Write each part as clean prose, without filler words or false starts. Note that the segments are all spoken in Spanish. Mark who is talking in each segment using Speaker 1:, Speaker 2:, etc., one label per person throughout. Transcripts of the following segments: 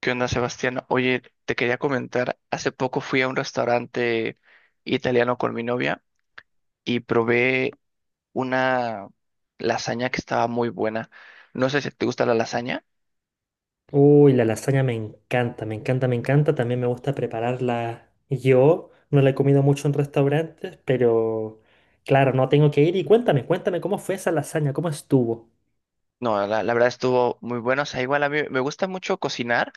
Speaker 1: ¿Qué onda, Sebastián? Oye, te quería comentar, hace poco fui a un restaurante italiano con mi novia y probé una lasaña que estaba muy buena. No sé si te gusta la lasaña.
Speaker 2: Uy, la lasaña me encanta, me encanta, me encanta. También me gusta prepararla yo. No la he comido mucho en restaurantes, pero claro, no tengo que ir. Y cuéntame cómo fue esa lasaña, cómo estuvo.
Speaker 1: No, la verdad estuvo muy buena. O sea, igual a mí me gusta mucho cocinar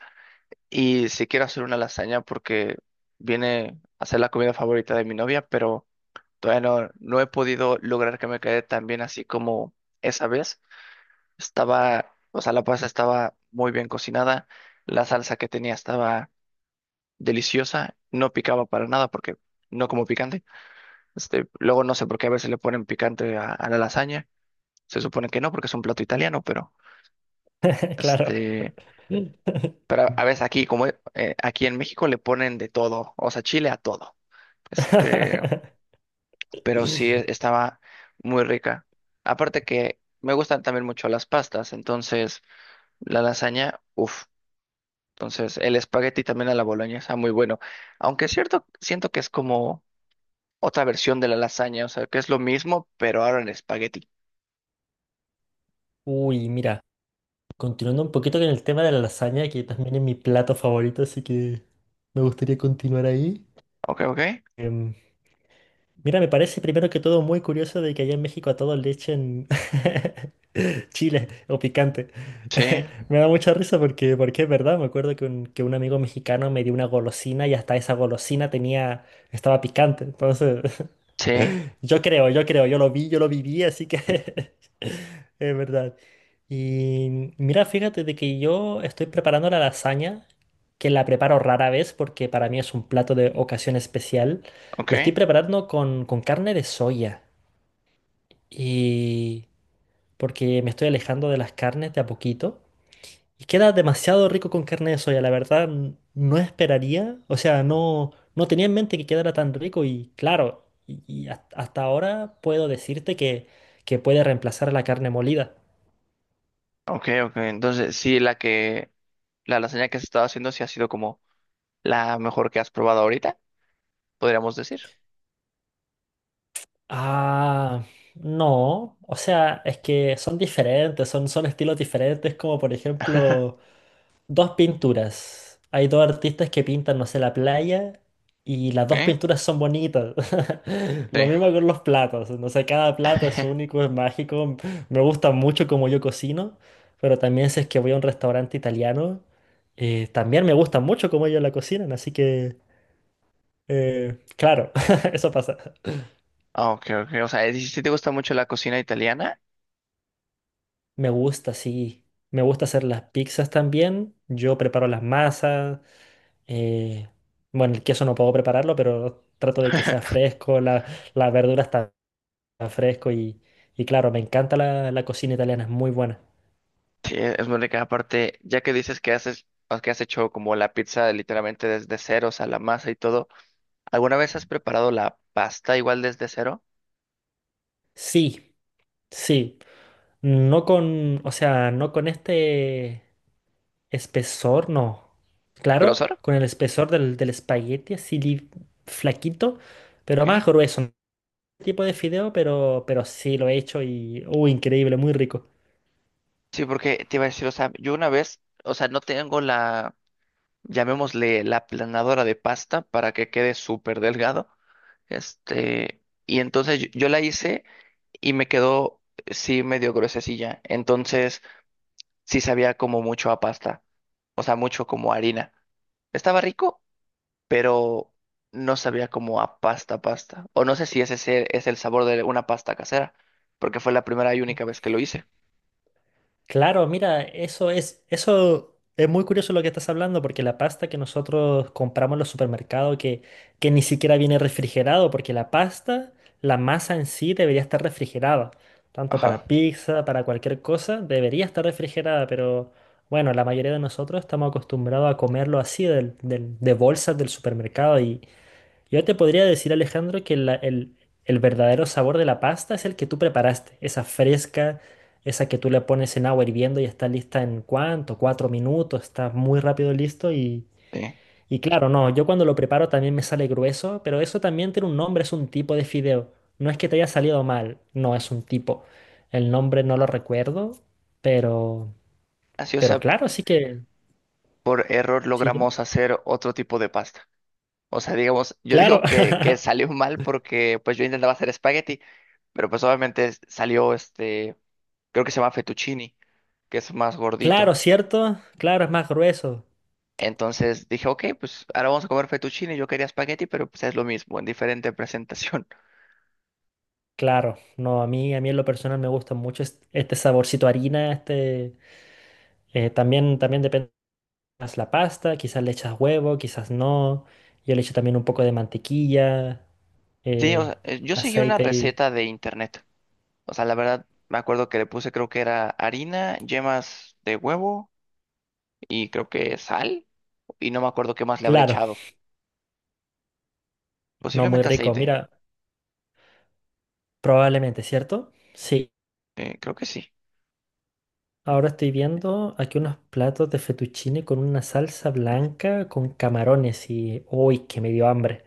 Speaker 1: y sí quiero hacer una lasaña porque viene a ser la comida favorita de mi novia, pero todavía no he podido lograr que me quede tan bien así como esa vez. Estaba, o sea, la pasta estaba muy bien cocinada, la salsa que tenía estaba deliciosa, no picaba para nada porque no como picante. Este, luego no sé por qué a veces le ponen picante a la lasaña. Se supone que no porque es un plato italiano, pero
Speaker 2: Claro.
Speaker 1: este, pero a, veces aquí como aquí en México le ponen de todo, o sea, chile a todo. Este, pero sí estaba muy rica. Aparte que me gustan también mucho las pastas, entonces la lasaña, uff. Entonces, el espagueti también a la boloña está muy bueno. Aunque es cierto, siento que es como otra versión de la lasaña, o sea, que es lo mismo, pero ahora en espagueti.
Speaker 2: Uy, mira, continuando un poquito con el tema de la lasaña, que también es mi plato favorito, así que me gustaría continuar ahí.
Speaker 1: Ok, ok.
Speaker 2: Em, Mira, me parece primero que todo muy curioso de que allá en México a todos le echen chile o picante.
Speaker 1: Sí,
Speaker 2: Me da mucha risa porque es verdad, me acuerdo que un amigo mexicano me dio una golosina y hasta esa golosina tenía, estaba picante. Entonces,
Speaker 1: sí,
Speaker 2: yo creo, yo lo vi, yo lo viví, así que es verdad. Y mira, fíjate de que yo estoy preparando la lasaña, que la preparo rara vez porque para mí es un plato de ocasión especial.
Speaker 1: ok,
Speaker 2: La estoy preparando con carne de soya y porque me estoy alejando de las carnes de a poquito. Y queda demasiado rico con carne de soya, la verdad no esperaría, o sea, no tenía en mente que quedara tan rico y claro, y hasta ahora puedo decirte que puede reemplazar la carne molida.
Speaker 1: ok, ok. Entonces, sí, la lasaña que has estado haciendo sí ha sido como la mejor que has probado ahorita, podríamos decir.
Speaker 2: Ah, no, o sea, es que son diferentes, son estilos diferentes, como por ejemplo, dos pinturas. Hay dos artistas que pintan, no sé, la playa y las dos
Speaker 1: ¿Eh?
Speaker 2: pinturas son bonitas. Lo
Speaker 1: Sí.
Speaker 2: mismo con los platos. No sé, cada plato es único, es mágico. Me gusta mucho como yo cocino, pero también si es que voy a un restaurante italiano, también me gusta mucho cómo ellos la cocinan. Así que, claro, eso pasa.
Speaker 1: Ah, ok, ok. O sea, si te gusta mucho la cocina italiana.
Speaker 2: Me gusta, sí. Me gusta hacer las pizzas también. Yo preparo las masas. Eh, bueno, el queso no puedo prepararlo, pero trato de que sea fresco, la verdura está fresco y claro, me encanta la, la cocina italiana, es muy buena.
Speaker 1: Sí, es muy rica. Aparte, ya que dices que haces, o que has hecho como la pizza literalmente desde cero, o sea, la masa y todo, ¿alguna vez has preparado la pasta igual desde cero?
Speaker 2: Sí, sí. No con, o sea, no con este espesor, no. Claro,
Speaker 1: ¿Grosor?
Speaker 2: con el espesor del espagueti, así flaquito, pero más
Speaker 1: ¿Qué?
Speaker 2: grueso. Tipo de fideo, pero sí lo he hecho y, increíble, muy rico.
Speaker 1: Sí, porque te iba a decir, o sea, yo una vez, o sea, no tengo la, llamémosle la planadora de pasta para que quede súper delgado. Este, y entonces yo la hice y me quedó, sí, medio gruesecilla. Entonces, sí sabía como mucho a pasta, o sea, mucho como harina. Estaba rico pero no sabía como a pasta pasta. O no sé si es el sabor de una pasta casera, porque fue la primera y única vez que lo hice.
Speaker 2: Claro, mira, eso es muy curioso lo que estás hablando, porque la pasta que nosotros compramos en los supermercados, que ni siquiera viene refrigerado, porque la pasta, la masa en sí debería estar refrigerada, tanto
Speaker 1: Ajá,
Speaker 2: para pizza, para cualquier cosa, debería estar refrigerada, pero bueno, la mayoría de nosotros estamos acostumbrados a comerlo así, de bolsas del supermercado, yo te podría decir, Alejandro, que el verdadero sabor de la pasta es el que tú preparaste, esa fresca, esa que tú le pones en agua hirviendo y está lista en cuánto, cuatro minutos, está muy rápido listo
Speaker 1: sí.
Speaker 2: y claro, no, yo cuando lo preparo también me sale grueso, pero eso también tiene un nombre, es un tipo de fideo. No es que te haya salido mal, no es un tipo. El nombre no lo recuerdo, pero,
Speaker 1: Así, o
Speaker 2: pero
Speaker 1: sea,
Speaker 2: claro, sí que...
Speaker 1: por error
Speaker 2: Sí, dime.
Speaker 1: logramos hacer otro tipo de pasta. O sea, digamos, yo
Speaker 2: Claro,
Speaker 1: digo que, que salió mal porque pues yo intentaba hacer espagueti, pero pues obviamente salió este, creo que se llama fettuccini, que es más
Speaker 2: claro,
Speaker 1: gordito.
Speaker 2: ¿cierto? Claro, es más grueso.
Speaker 1: Entonces dije, ok, pues ahora vamos a comer fettuccini. Yo quería espagueti, pero pues es lo mismo, en diferente presentación.
Speaker 2: Claro, no, a mí en lo personal me gusta mucho este saborcito a harina, este, también depende más la pasta, quizás le echas huevo, quizás no, yo le echo también un poco de mantequilla,
Speaker 1: Sí, o
Speaker 2: eh,
Speaker 1: sea, yo seguí una
Speaker 2: aceite y...
Speaker 1: receta de internet. O sea, la verdad, me acuerdo que le puse, creo que era harina, yemas de huevo y creo que sal. Y no me acuerdo qué más le habré
Speaker 2: Claro,
Speaker 1: echado.
Speaker 2: no, muy
Speaker 1: Posiblemente
Speaker 2: rico,
Speaker 1: aceite.
Speaker 2: mira, probablemente, ¿cierto? Sí,
Speaker 1: Creo que sí.
Speaker 2: ahora estoy viendo aquí unos platos de fettuccine con una salsa blanca con camarones y... ¡Uy, que me dio hambre!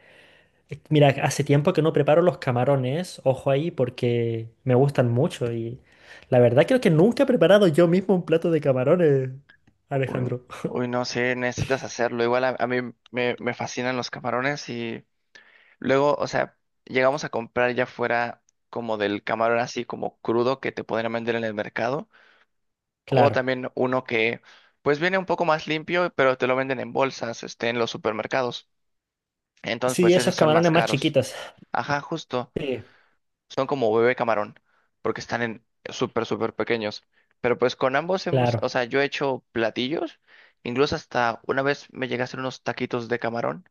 Speaker 2: Mira, hace tiempo que no preparo los camarones, ojo ahí, porque me gustan mucho y la verdad creo que nunca he preparado yo mismo un plato de camarones,
Speaker 1: Uy,
Speaker 2: Alejandro.
Speaker 1: uy, no sé, necesitas hacerlo. Igual a mí me fascinan los camarones y luego, o sea, llegamos a comprar ya fuera como del camarón así como crudo que te podrían vender en el mercado. O
Speaker 2: Claro.
Speaker 1: también uno que pues viene un poco más limpio, pero te lo venden en bolsas, este, en los supermercados. Entonces,
Speaker 2: Sí,
Speaker 1: pues esos
Speaker 2: esos
Speaker 1: son más
Speaker 2: camarones más
Speaker 1: caros.
Speaker 2: chiquitos.
Speaker 1: Ajá, justo.
Speaker 2: Sí,
Speaker 1: Son como bebé camarón, porque están en súper, súper pequeños. Pero pues con ambos hemos,
Speaker 2: claro.
Speaker 1: o sea, yo he hecho platillos. Incluso hasta una vez me llegué a hacer unos taquitos de camarón.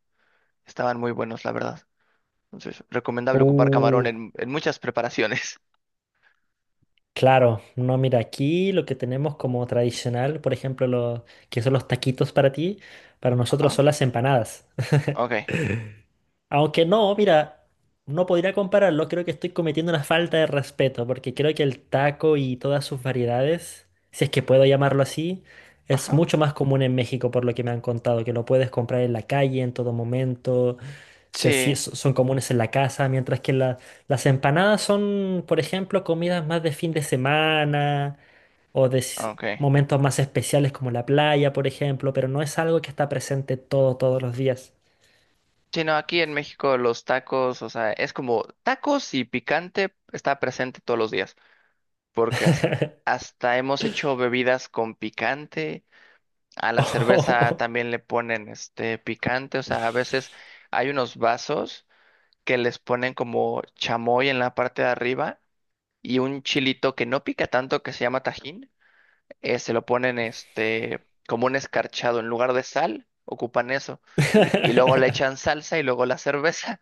Speaker 1: Estaban muy buenos, la verdad. Entonces, recomendable ocupar camarón
Speaker 2: Uh,
Speaker 1: en muchas preparaciones.
Speaker 2: claro. No, mira, aquí lo que tenemos como tradicional, por ejemplo, lo que son los taquitos para ti, para nosotros
Speaker 1: Ajá.
Speaker 2: son las empanadas.
Speaker 1: Ok.
Speaker 2: Aunque no, mira, no podría compararlo, creo que estoy cometiendo una falta de respeto, porque creo que el taco y todas sus variedades, si es que puedo llamarlo así, es
Speaker 1: Ajá.
Speaker 2: mucho más común en México, por lo que me han contado, que lo puedes comprar en la calle en todo momento,
Speaker 1: Sí.
Speaker 2: sí, son comunes en la casa, mientras que las empanadas son, por ejemplo, comidas más de fin de semana o
Speaker 1: Ok.
Speaker 2: momentos más especiales como la playa, por ejemplo, pero no es algo que está presente todo, todos los días.
Speaker 1: Sí, no, aquí en México los tacos, o sea, es como tacos y picante está presente todos los días, porque hasta, hasta hemos hecho bebidas con picante, a la cerveza también le ponen este picante, o sea, a veces hay unos vasos que les ponen como chamoy en la parte de arriba y un chilito que no pica tanto que se llama tajín, se lo ponen este como un escarchado en lugar de sal, ocupan eso y luego le echan salsa y luego la cerveza.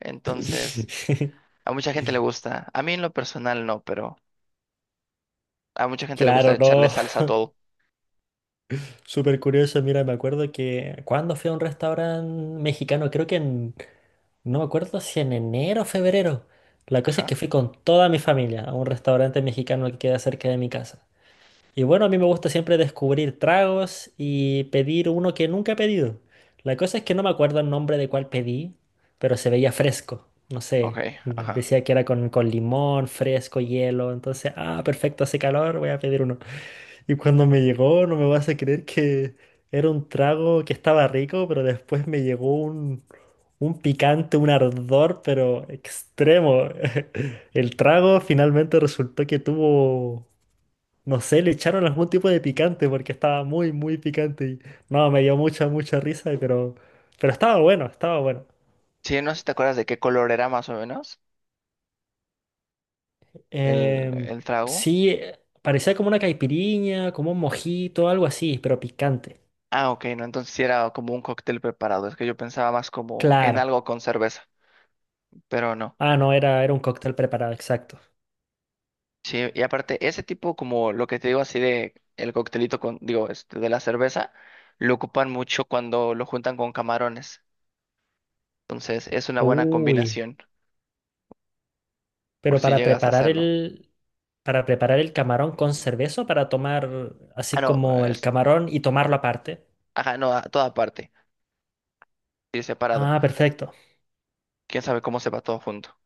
Speaker 1: Entonces, a mucha gente le gusta. A mí en lo personal no, pero a mucha gente le gusta
Speaker 2: Claro,
Speaker 1: echarle
Speaker 2: no.
Speaker 1: salsa a todo.
Speaker 2: Súper curioso. Mira, me acuerdo que cuando fui a un restaurante mexicano, creo que no me acuerdo si en enero o febrero. La cosa es
Speaker 1: Ajá,
Speaker 2: que fui con toda mi familia a un restaurante mexicano que queda cerca de mi casa. Y bueno, a mí me gusta siempre descubrir tragos y pedir uno que nunca he pedido. La cosa es que no me acuerdo el nombre de cuál pedí, pero se veía fresco. No
Speaker 1: ok,
Speaker 2: sé,
Speaker 1: ajá.
Speaker 2: decía que era con limón, fresco, hielo. Entonces, ah, perfecto, hace calor, voy a pedir uno. Y cuando me llegó, no me vas a creer que era un trago que estaba rico, pero después me llegó un picante, un ardor, pero extremo. El trago finalmente resultó que tuvo... No sé, le echaron algún tipo de picante porque estaba muy picante y no, me dio mucha risa, pero estaba bueno, estaba bueno.
Speaker 1: Sí, no sé si te acuerdas de qué color era más o menos el,
Speaker 2: Em,
Speaker 1: el trago.
Speaker 2: sí, parecía como una caipiriña, como un mojito, algo así, pero picante.
Speaker 1: Ah, ok, no, entonces sí era como un cóctel preparado. Es que yo pensaba más como en
Speaker 2: Claro.
Speaker 1: algo con cerveza, pero no.
Speaker 2: Ah, no, era un cóctel preparado, exacto.
Speaker 1: Sí, y aparte, ese tipo como lo que te digo así de el coctelito con, digo, este, de la cerveza, lo ocupan mucho cuando lo juntan con camarones. Entonces, es una buena
Speaker 2: Uy,
Speaker 1: combinación por
Speaker 2: pero
Speaker 1: si
Speaker 2: para
Speaker 1: llegas a
Speaker 2: preparar
Speaker 1: hacerlo.
Speaker 2: para preparar el camarón con cerveza, o para tomar
Speaker 1: Ah,
Speaker 2: así
Speaker 1: no,
Speaker 2: como el
Speaker 1: es,
Speaker 2: camarón y tomarlo aparte.
Speaker 1: ajá, no, a toda parte, sí, separado.
Speaker 2: Ah, perfecto.
Speaker 1: Quién sabe cómo se va todo junto.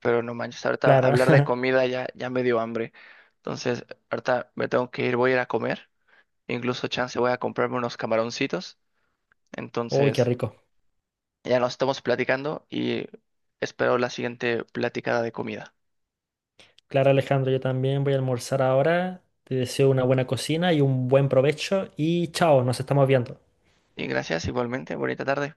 Speaker 1: Pero no manches, ahorita
Speaker 2: Claro.
Speaker 1: hablar de comida ya, ya me dio hambre. Entonces, ahorita me tengo que ir, voy a ir a comer. Incluso, chance, voy a comprarme unos camaroncitos.
Speaker 2: Uy, qué
Speaker 1: Entonces,
Speaker 2: rico.
Speaker 1: ya nos estamos platicando y espero la siguiente platicada de comida.
Speaker 2: Claro, Alejandro, yo también voy a almorzar ahora. Te deseo una buena cocina y un buen provecho y chao, nos estamos viendo.
Speaker 1: Y gracias, igualmente, bonita tarde.